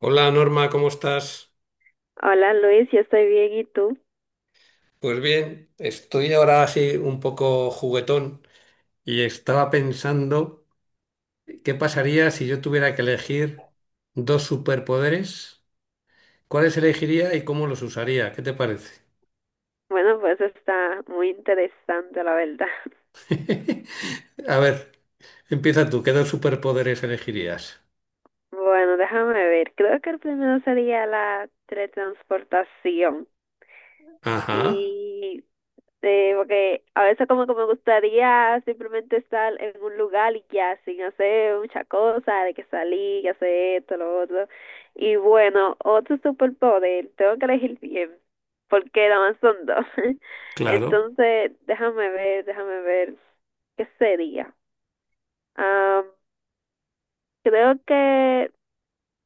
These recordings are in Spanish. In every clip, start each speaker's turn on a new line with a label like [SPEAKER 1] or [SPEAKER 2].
[SPEAKER 1] Hola Norma, ¿cómo estás?
[SPEAKER 2] Hola Luis, yo estoy bien y tú.
[SPEAKER 1] Pues bien, estoy ahora así un poco juguetón y estaba pensando qué pasaría si yo tuviera que elegir dos superpoderes, cuáles elegiría y cómo los usaría, ¿qué te parece?
[SPEAKER 2] Bueno, pues está muy interesante la verdad.
[SPEAKER 1] A ver, empieza tú, ¿qué dos superpoderes elegirías?
[SPEAKER 2] Bueno, déjame ver. Creo que el primero sería la teletransportación.
[SPEAKER 1] Ajá,
[SPEAKER 2] Y Sí, porque a veces como que me gustaría simplemente estar en un lugar y ya, sin hacer mucha cosa, de que salí, que hacer esto, lo otro. Y bueno, otro superpoder, tengo que elegir bien, porque nada más son dos.
[SPEAKER 1] claro.
[SPEAKER 2] Entonces, déjame ver, ¿qué sería? Ah, Creo que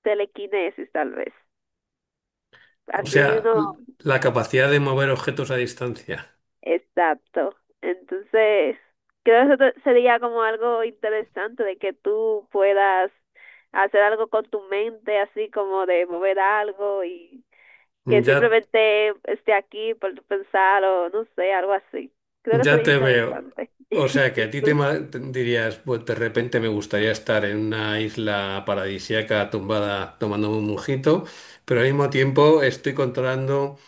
[SPEAKER 2] telequinesis, tal vez.
[SPEAKER 1] O
[SPEAKER 2] Así
[SPEAKER 1] sea,
[SPEAKER 2] uno.
[SPEAKER 1] la capacidad de mover objetos a distancia.
[SPEAKER 2] Exacto. Entonces, creo que sería como algo interesante de que tú puedas hacer algo con tu mente, así como de mover algo y que
[SPEAKER 1] Ya
[SPEAKER 2] simplemente esté aquí por tu pensar o no sé, algo así. Creo que
[SPEAKER 1] Ya
[SPEAKER 2] sería
[SPEAKER 1] te veo.
[SPEAKER 2] interesante.
[SPEAKER 1] O sea, que
[SPEAKER 2] ¿Y
[SPEAKER 1] a ti te
[SPEAKER 2] tú?
[SPEAKER 1] te dirías, pues de repente me gustaría estar en una isla paradisíaca tumbada tomándome un mojito, pero al mismo tiempo estoy controlando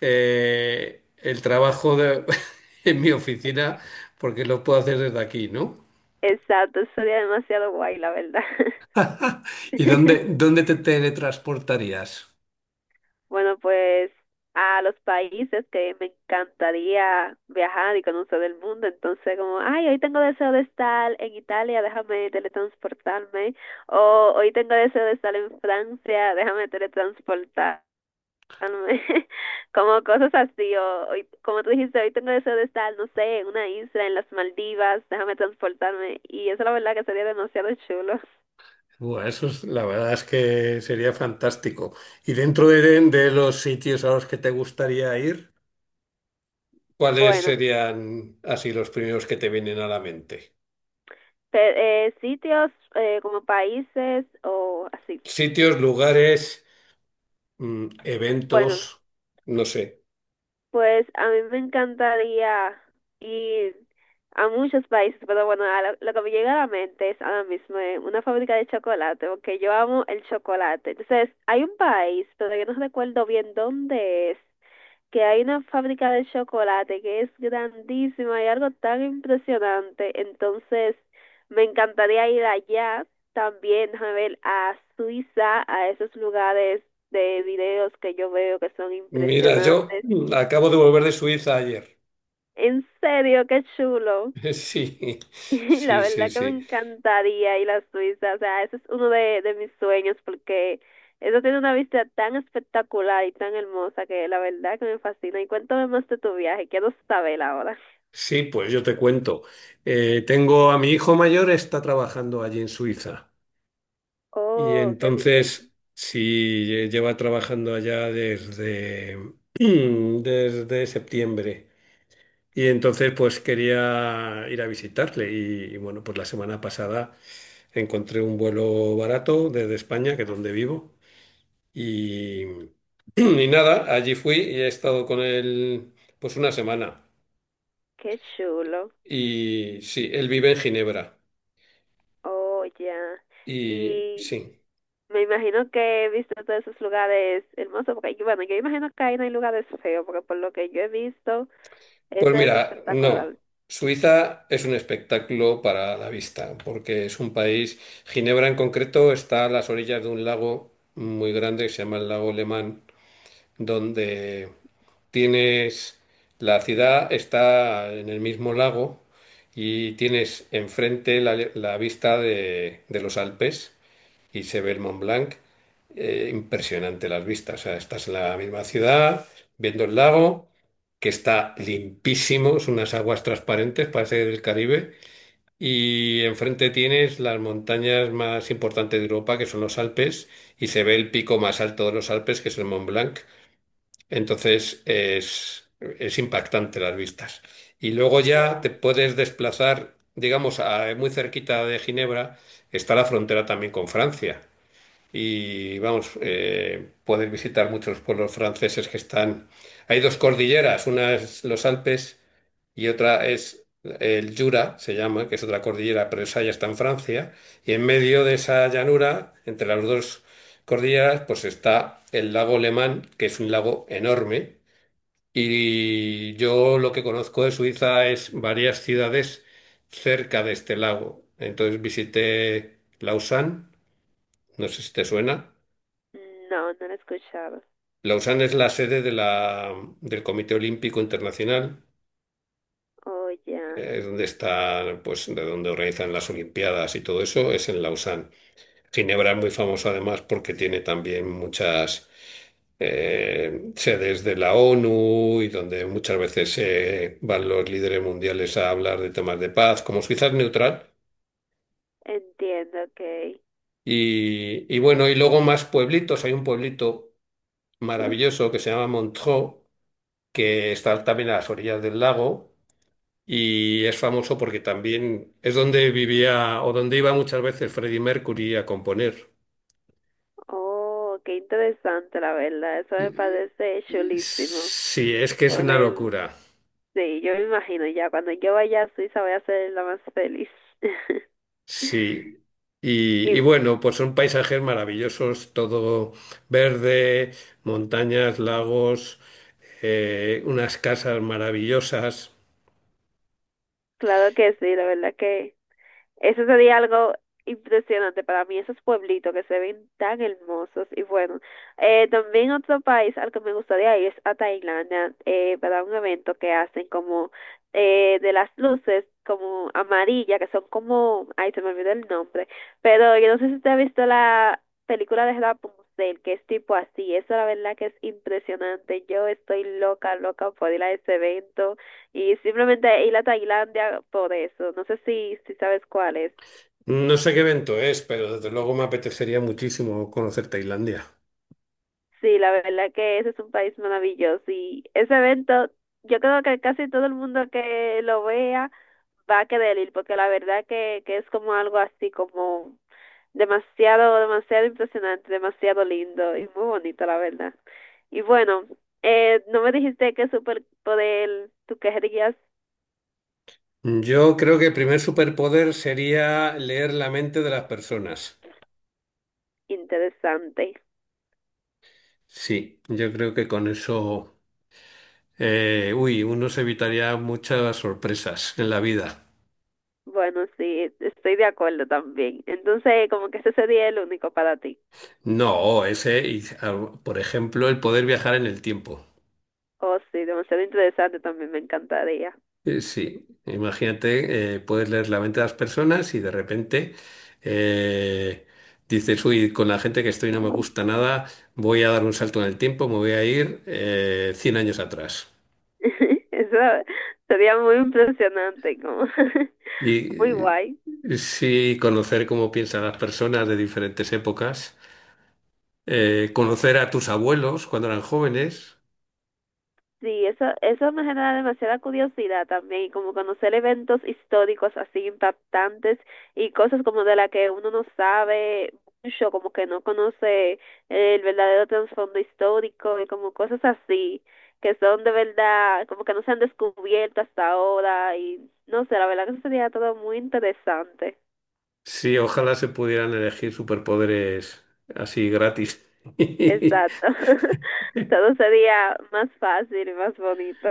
[SPEAKER 1] el trabajo en mi oficina porque lo puedo hacer desde aquí, ¿no?
[SPEAKER 2] Exacto, sería demasiado guay, la verdad.
[SPEAKER 1] ¿Y dónde te teletransportarías?
[SPEAKER 2] Bueno, pues a los países que me encantaría viajar y conocer el mundo. Entonces, como, ay, hoy tengo deseo de estar en Italia, déjame teletransportarme. O hoy tengo deseo de estar en Francia, déjame teletransportarme. Como cosas así. O hoy, como tú dijiste, hoy tengo deseo de estar, no sé, en una isla, en las Maldivas, déjame transportarme. Y eso la verdad que sería demasiado chulo.
[SPEAKER 1] Buah, eso es, la verdad es que sería fantástico. ¿Y dentro de los sitios a los que te gustaría ir? ¿Cuáles
[SPEAKER 2] Bueno,
[SPEAKER 1] serían así los primeros que te vienen a la mente?
[SPEAKER 2] sitios como países o así.
[SPEAKER 1] Sitios, lugares, mm,
[SPEAKER 2] Bueno,
[SPEAKER 1] eventos, no sé.
[SPEAKER 2] pues a mí me encantaría ir a muchos países, pero bueno, a lo que me llega a la mente es ahora mismo una fábrica de chocolate, porque yo amo el chocolate. Entonces, hay un país, pero yo no recuerdo bien dónde es, que hay una fábrica de chocolate que es grandísima y algo tan impresionante. Entonces, me encantaría ir allá también, a ver, a Suiza, a esos lugares de videos que yo veo que son
[SPEAKER 1] Mira, yo
[SPEAKER 2] impresionantes.
[SPEAKER 1] acabo de volver de Suiza ayer.
[SPEAKER 2] ¿En serio? Qué chulo.
[SPEAKER 1] Sí,
[SPEAKER 2] Y la
[SPEAKER 1] sí, sí,
[SPEAKER 2] verdad que me
[SPEAKER 1] sí.
[SPEAKER 2] encantaría ir a Suiza. O sea, ese es uno de mis sueños porque eso tiene una vista tan espectacular y tan hermosa que la verdad que me fascina. Y cuéntame más de tu viaje, quiero saber ahora.
[SPEAKER 1] Sí, pues yo te cuento. Tengo a mi hijo mayor, está trabajando allí en Suiza. Y
[SPEAKER 2] Oh, qué bien,
[SPEAKER 1] entonces, sí, lleva trabajando allá desde, desde septiembre. Y entonces pues quería ir a visitarle y, bueno, pues la semana pasada encontré un vuelo barato desde España, que es donde vivo, y, y nada, allí fui y he estado con él pues una semana.
[SPEAKER 2] qué chulo.
[SPEAKER 1] Y sí, él vive en Ginebra.
[SPEAKER 2] Oh, ya.
[SPEAKER 1] Y
[SPEAKER 2] Y
[SPEAKER 1] sí,
[SPEAKER 2] me imagino que he visto todos esos lugares hermosos, porque bueno, yo imagino que ahí no hay lugares feos, porque por lo que yo he visto,
[SPEAKER 1] pues
[SPEAKER 2] eso es
[SPEAKER 1] mira, no,
[SPEAKER 2] espectacular.
[SPEAKER 1] Suiza es un espectáculo para la vista, porque es un país. Ginebra en concreto está a las orillas de un lago muy grande que se llama el lago Lemán. Donde tienes, la ciudad está en el mismo lago y tienes enfrente la vista de los Alpes y se ve el Mont Blanc. Impresionante las vistas. O sea, estás en la misma ciudad, viendo el lago, que está limpísimo, son unas aguas transparentes, parece del Caribe. Y enfrente tienes las montañas más importantes de Europa, que son los Alpes, y se ve el pico más alto de los Alpes, que es el Mont Blanc. Entonces es impactante las vistas. Y luego ya
[SPEAKER 2] Wow.
[SPEAKER 1] te puedes desplazar, digamos, muy cerquita de Ginebra está la frontera también con Francia y vamos, poder visitar muchos pueblos franceses que están. Hay dos cordilleras, una es los Alpes y otra es el Jura, se llama, que es otra cordillera, pero esa ya está en Francia. Y en medio de esa llanura, entre las dos cordilleras, pues está el lago Le, que es un lago enorme. Y yo lo que conozco de Suiza es varias ciudades cerca de este lago. Entonces visité Lausanne, no sé si te suena.
[SPEAKER 2] No, no lo he escuchado.
[SPEAKER 1] Lausanne es la sede del Comité Olímpico Internacional,
[SPEAKER 2] Oh, ya.
[SPEAKER 1] es donde está, pues, de donde organizan las Olimpiadas y todo eso, es en Lausanne. Ginebra es muy famosa además porque tiene también muchas sedes de la ONU y donde muchas veces van los líderes mundiales a hablar de temas de paz, como Suiza es neutral.
[SPEAKER 2] Entiendo, ok.
[SPEAKER 1] Y bueno, y luego más pueblitos, hay un pueblito maravilloso que se llama Montreux, que está también a las orillas del lago. Y es famoso porque también es donde vivía o donde iba muchas veces Freddie Mercury a componer.
[SPEAKER 2] Oh, qué interesante, la verdad. Eso me parece chulísimo.
[SPEAKER 1] Sí, es que es
[SPEAKER 2] Por
[SPEAKER 1] una
[SPEAKER 2] él.
[SPEAKER 1] locura.
[SPEAKER 2] Sí, yo me imagino ya. Cuando yo vaya a Suiza voy a ser la más feliz.
[SPEAKER 1] Sí. Y
[SPEAKER 2] Y
[SPEAKER 1] bueno, pues son paisajes maravillosos, todo verde, montañas, lagos, unas casas maravillosas.
[SPEAKER 2] claro que sí, la verdad que eso sería algo impresionante para mí, esos pueblitos que se ven tan hermosos. Y bueno, también otro país al que me gustaría ir es a Tailandia, para un evento que hacen como de las luces como amarillas, que son como, ay, se me olvidó el nombre, pero yo no sé si usted ha visto la película de Rapunzel, que es tipo así, eso la verdad que es impresionante. Yo estoy loca, loca por ir a ese evento. Y simplemente ir a Tailandia por eso. No sé si sabes cuál es.
[SPEAKER 1] No sé qué evento es, pero desde luego me apetecería muchísimo conocer Tailandia.
[SPEAKER 2] Sí, la verdad que ese es un país maravilloso y ese evento, yo creo que casi todo el mundo que lo vea va a querer ir, porque la verdad que es como algo así como demasiado, demasiado impresionante, demasiado lindo y muy bonito, la verdad. Y bueno, no me dijiste qué superpoder tú querías.
[SPEAKER 1] Yo creo que el primer superpoder sería leer la mente de las personas.
[SPEAKER 2] Interesante.
[SPEAKER 1] Sí, yo creo que con eso, uy, uno se evitaría muchas sorpresas en la vida.
[SPEAKER 2] Bueno, sí, estoy de acuerdo también. Entonces, como que ese sería el único para ti.
[SPEAKER 1] No, ese, y, ah, por ejemplo, el poder viajar en el tiempo.
[SPEAKER 2] Oh, sí, demasiado interesante también, me encantaría.
[SPEAKER 1] Sí, imagínate, puedes leer la mente de las personas y de repente eh, dices, uy, con la gente que estoy no me gusta nada, voy a dar un salto en el tiempo, me voy a ir 100 años atrás.
[SPEAKER 2] Eso sería muy impresionante, como
[SPEAKER 1] Y
[SPEAKER 2] muy guay.
[SPEAKER 1] sí, conocer cómo piensan las personas de diferentes épocas. Conocer a tus abuelos cuando eran jóvenes.
[SPEAKER 2] Sí, eso me genera demasiada curiosidad también, y como conocer eventos históricos así impactantes y cosas como de la que uno no sabe mucho, como que no conoce el verdadero trasfondo histórico y como cosas así que son de verdad, como que no se han descubierto hasta ahora y no sé, la verdad que eso sería todo muy interesante.
[SPEAKER 1] Sí, ojalá se pudieran elegir superpoderes así gratis.
[SPEAKER 2] Exacto. Todo sería más fácil y más bonito.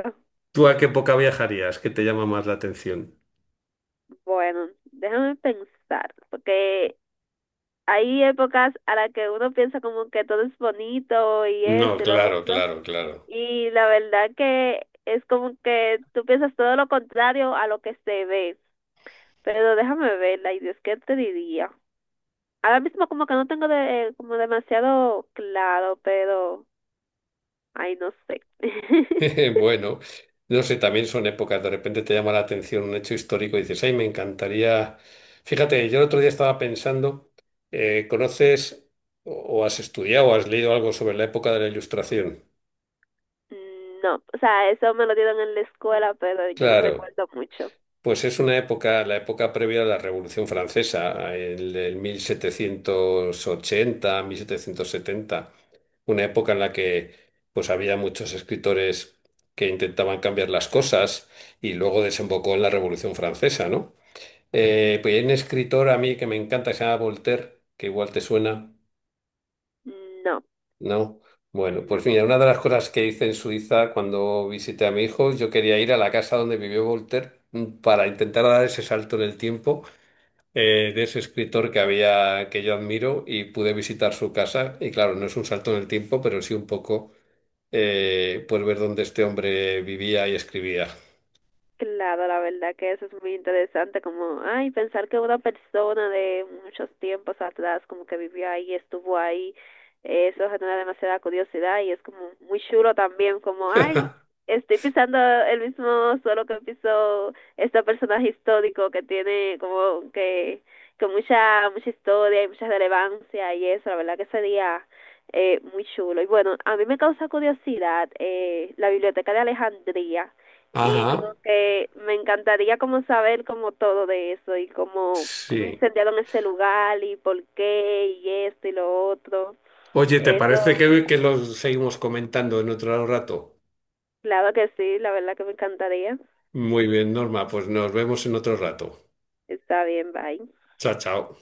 [SPEAKER 1] ¿Tú a qué época viajarías? ¿Qué te llama más la atención?
[SPEAKER 2] Bueno, déjame pensar, porque hay épocas a las que uno piensa como que todo es bonito y
[SPEAKER 1] No,
[SPEAKER 2] esto y lo
[SPEAKER 1] claro,
[SPEAKER 2] otro,
[SPEAKER 1] claro, claro.
[SPEAKER 2] y la verdad que es como que tú piensas todo lo contrario a lo que se ve. Pero déjame verla, y Dios, ¿qué te diría? Ahora mismo como que no tengo de, como demasiado claro, pero ay, no sé.
[SPEAKER 1] Bueno, no sé, también son épocas, de repente te llama la atención un hecho histórico y dices, ay, me encantaría. Fíjate, yo el otro día estaba pensando, ¿conoces o has estudiado o has leído algo sobre la época de la Ilustración?
[SPEAKER 2] No, o sea, eso me lo dieron en la escuela, pero yo no
[SPEAKER 1] Claro.
[SPEAKER 2] recuerdo mucho.
[SPEAKER 1] Pues es una época, la época previa a la Revolución Francesa, el 1780, 1770, una época en la que pues había muchos escritores que intentaban cambiar las cosas y luego desembocó en la Revolución Francesa, ¿no? Pues hay un escritor a mí que me encanta que se llama Voltaire, que igual te suena,
[SPEAKER 2] No,
[SPEAKER 1] ¿no? Bueno,
[SPEAKER 2] no.
[SPEAKER 1] pues mira, una de las cosas que hice en Suiza cuando visité a mi hijo, yo quería ir a la casa donde vivió Voltaire mm, para intentar dar ese salto en el tiempo de ese escritor que había, que yo admiro y pude visitar su casa. Y claro, no es un salto en el tiempo, pero sí un poco, pues ver dónde este hombre vivía y escribía.
[SPEAKER 2] Claro, la verdad que eso es muy interesante, como, ay, pensar que una persona de muchos tiempos atrás como que vivió ahí, estuvo ahí, eso genera demasiada curiosidad y es como muy chulo también, como, ay, estoy pisando el mismo suelo que pisó este personaje histórico que tiene como que mucha, mucha historia y mucha relevancia y eso, la verdad que sería muy chulo. Y bueno, a mí me causa curiosidad la Biblioteca de Alejandría y como
[SPEAKER 1] Ajá,
[SPEAKER 2] que me encantaría como saber como todo de eso y como cómo
[SPEAKER 1] sí.
[SPEAKER 2] incendiaron ese lugar y por qué y esto y lo otro.
[SPEAKER 1] Oye, ¿te
[SPEAKER 2] Eso,
[SPEAKER 1] parece que lo seguimos comentando en otro rato?
[SPEAKER 2] claro que sí, la verdad que me encantaría.
[SPEAKER 1] Muy bien, Norma, pues nos vemos en otro rato.
[SPEAKER 2] Está bien, bye.
[SPEAKER 1] Chao, chao.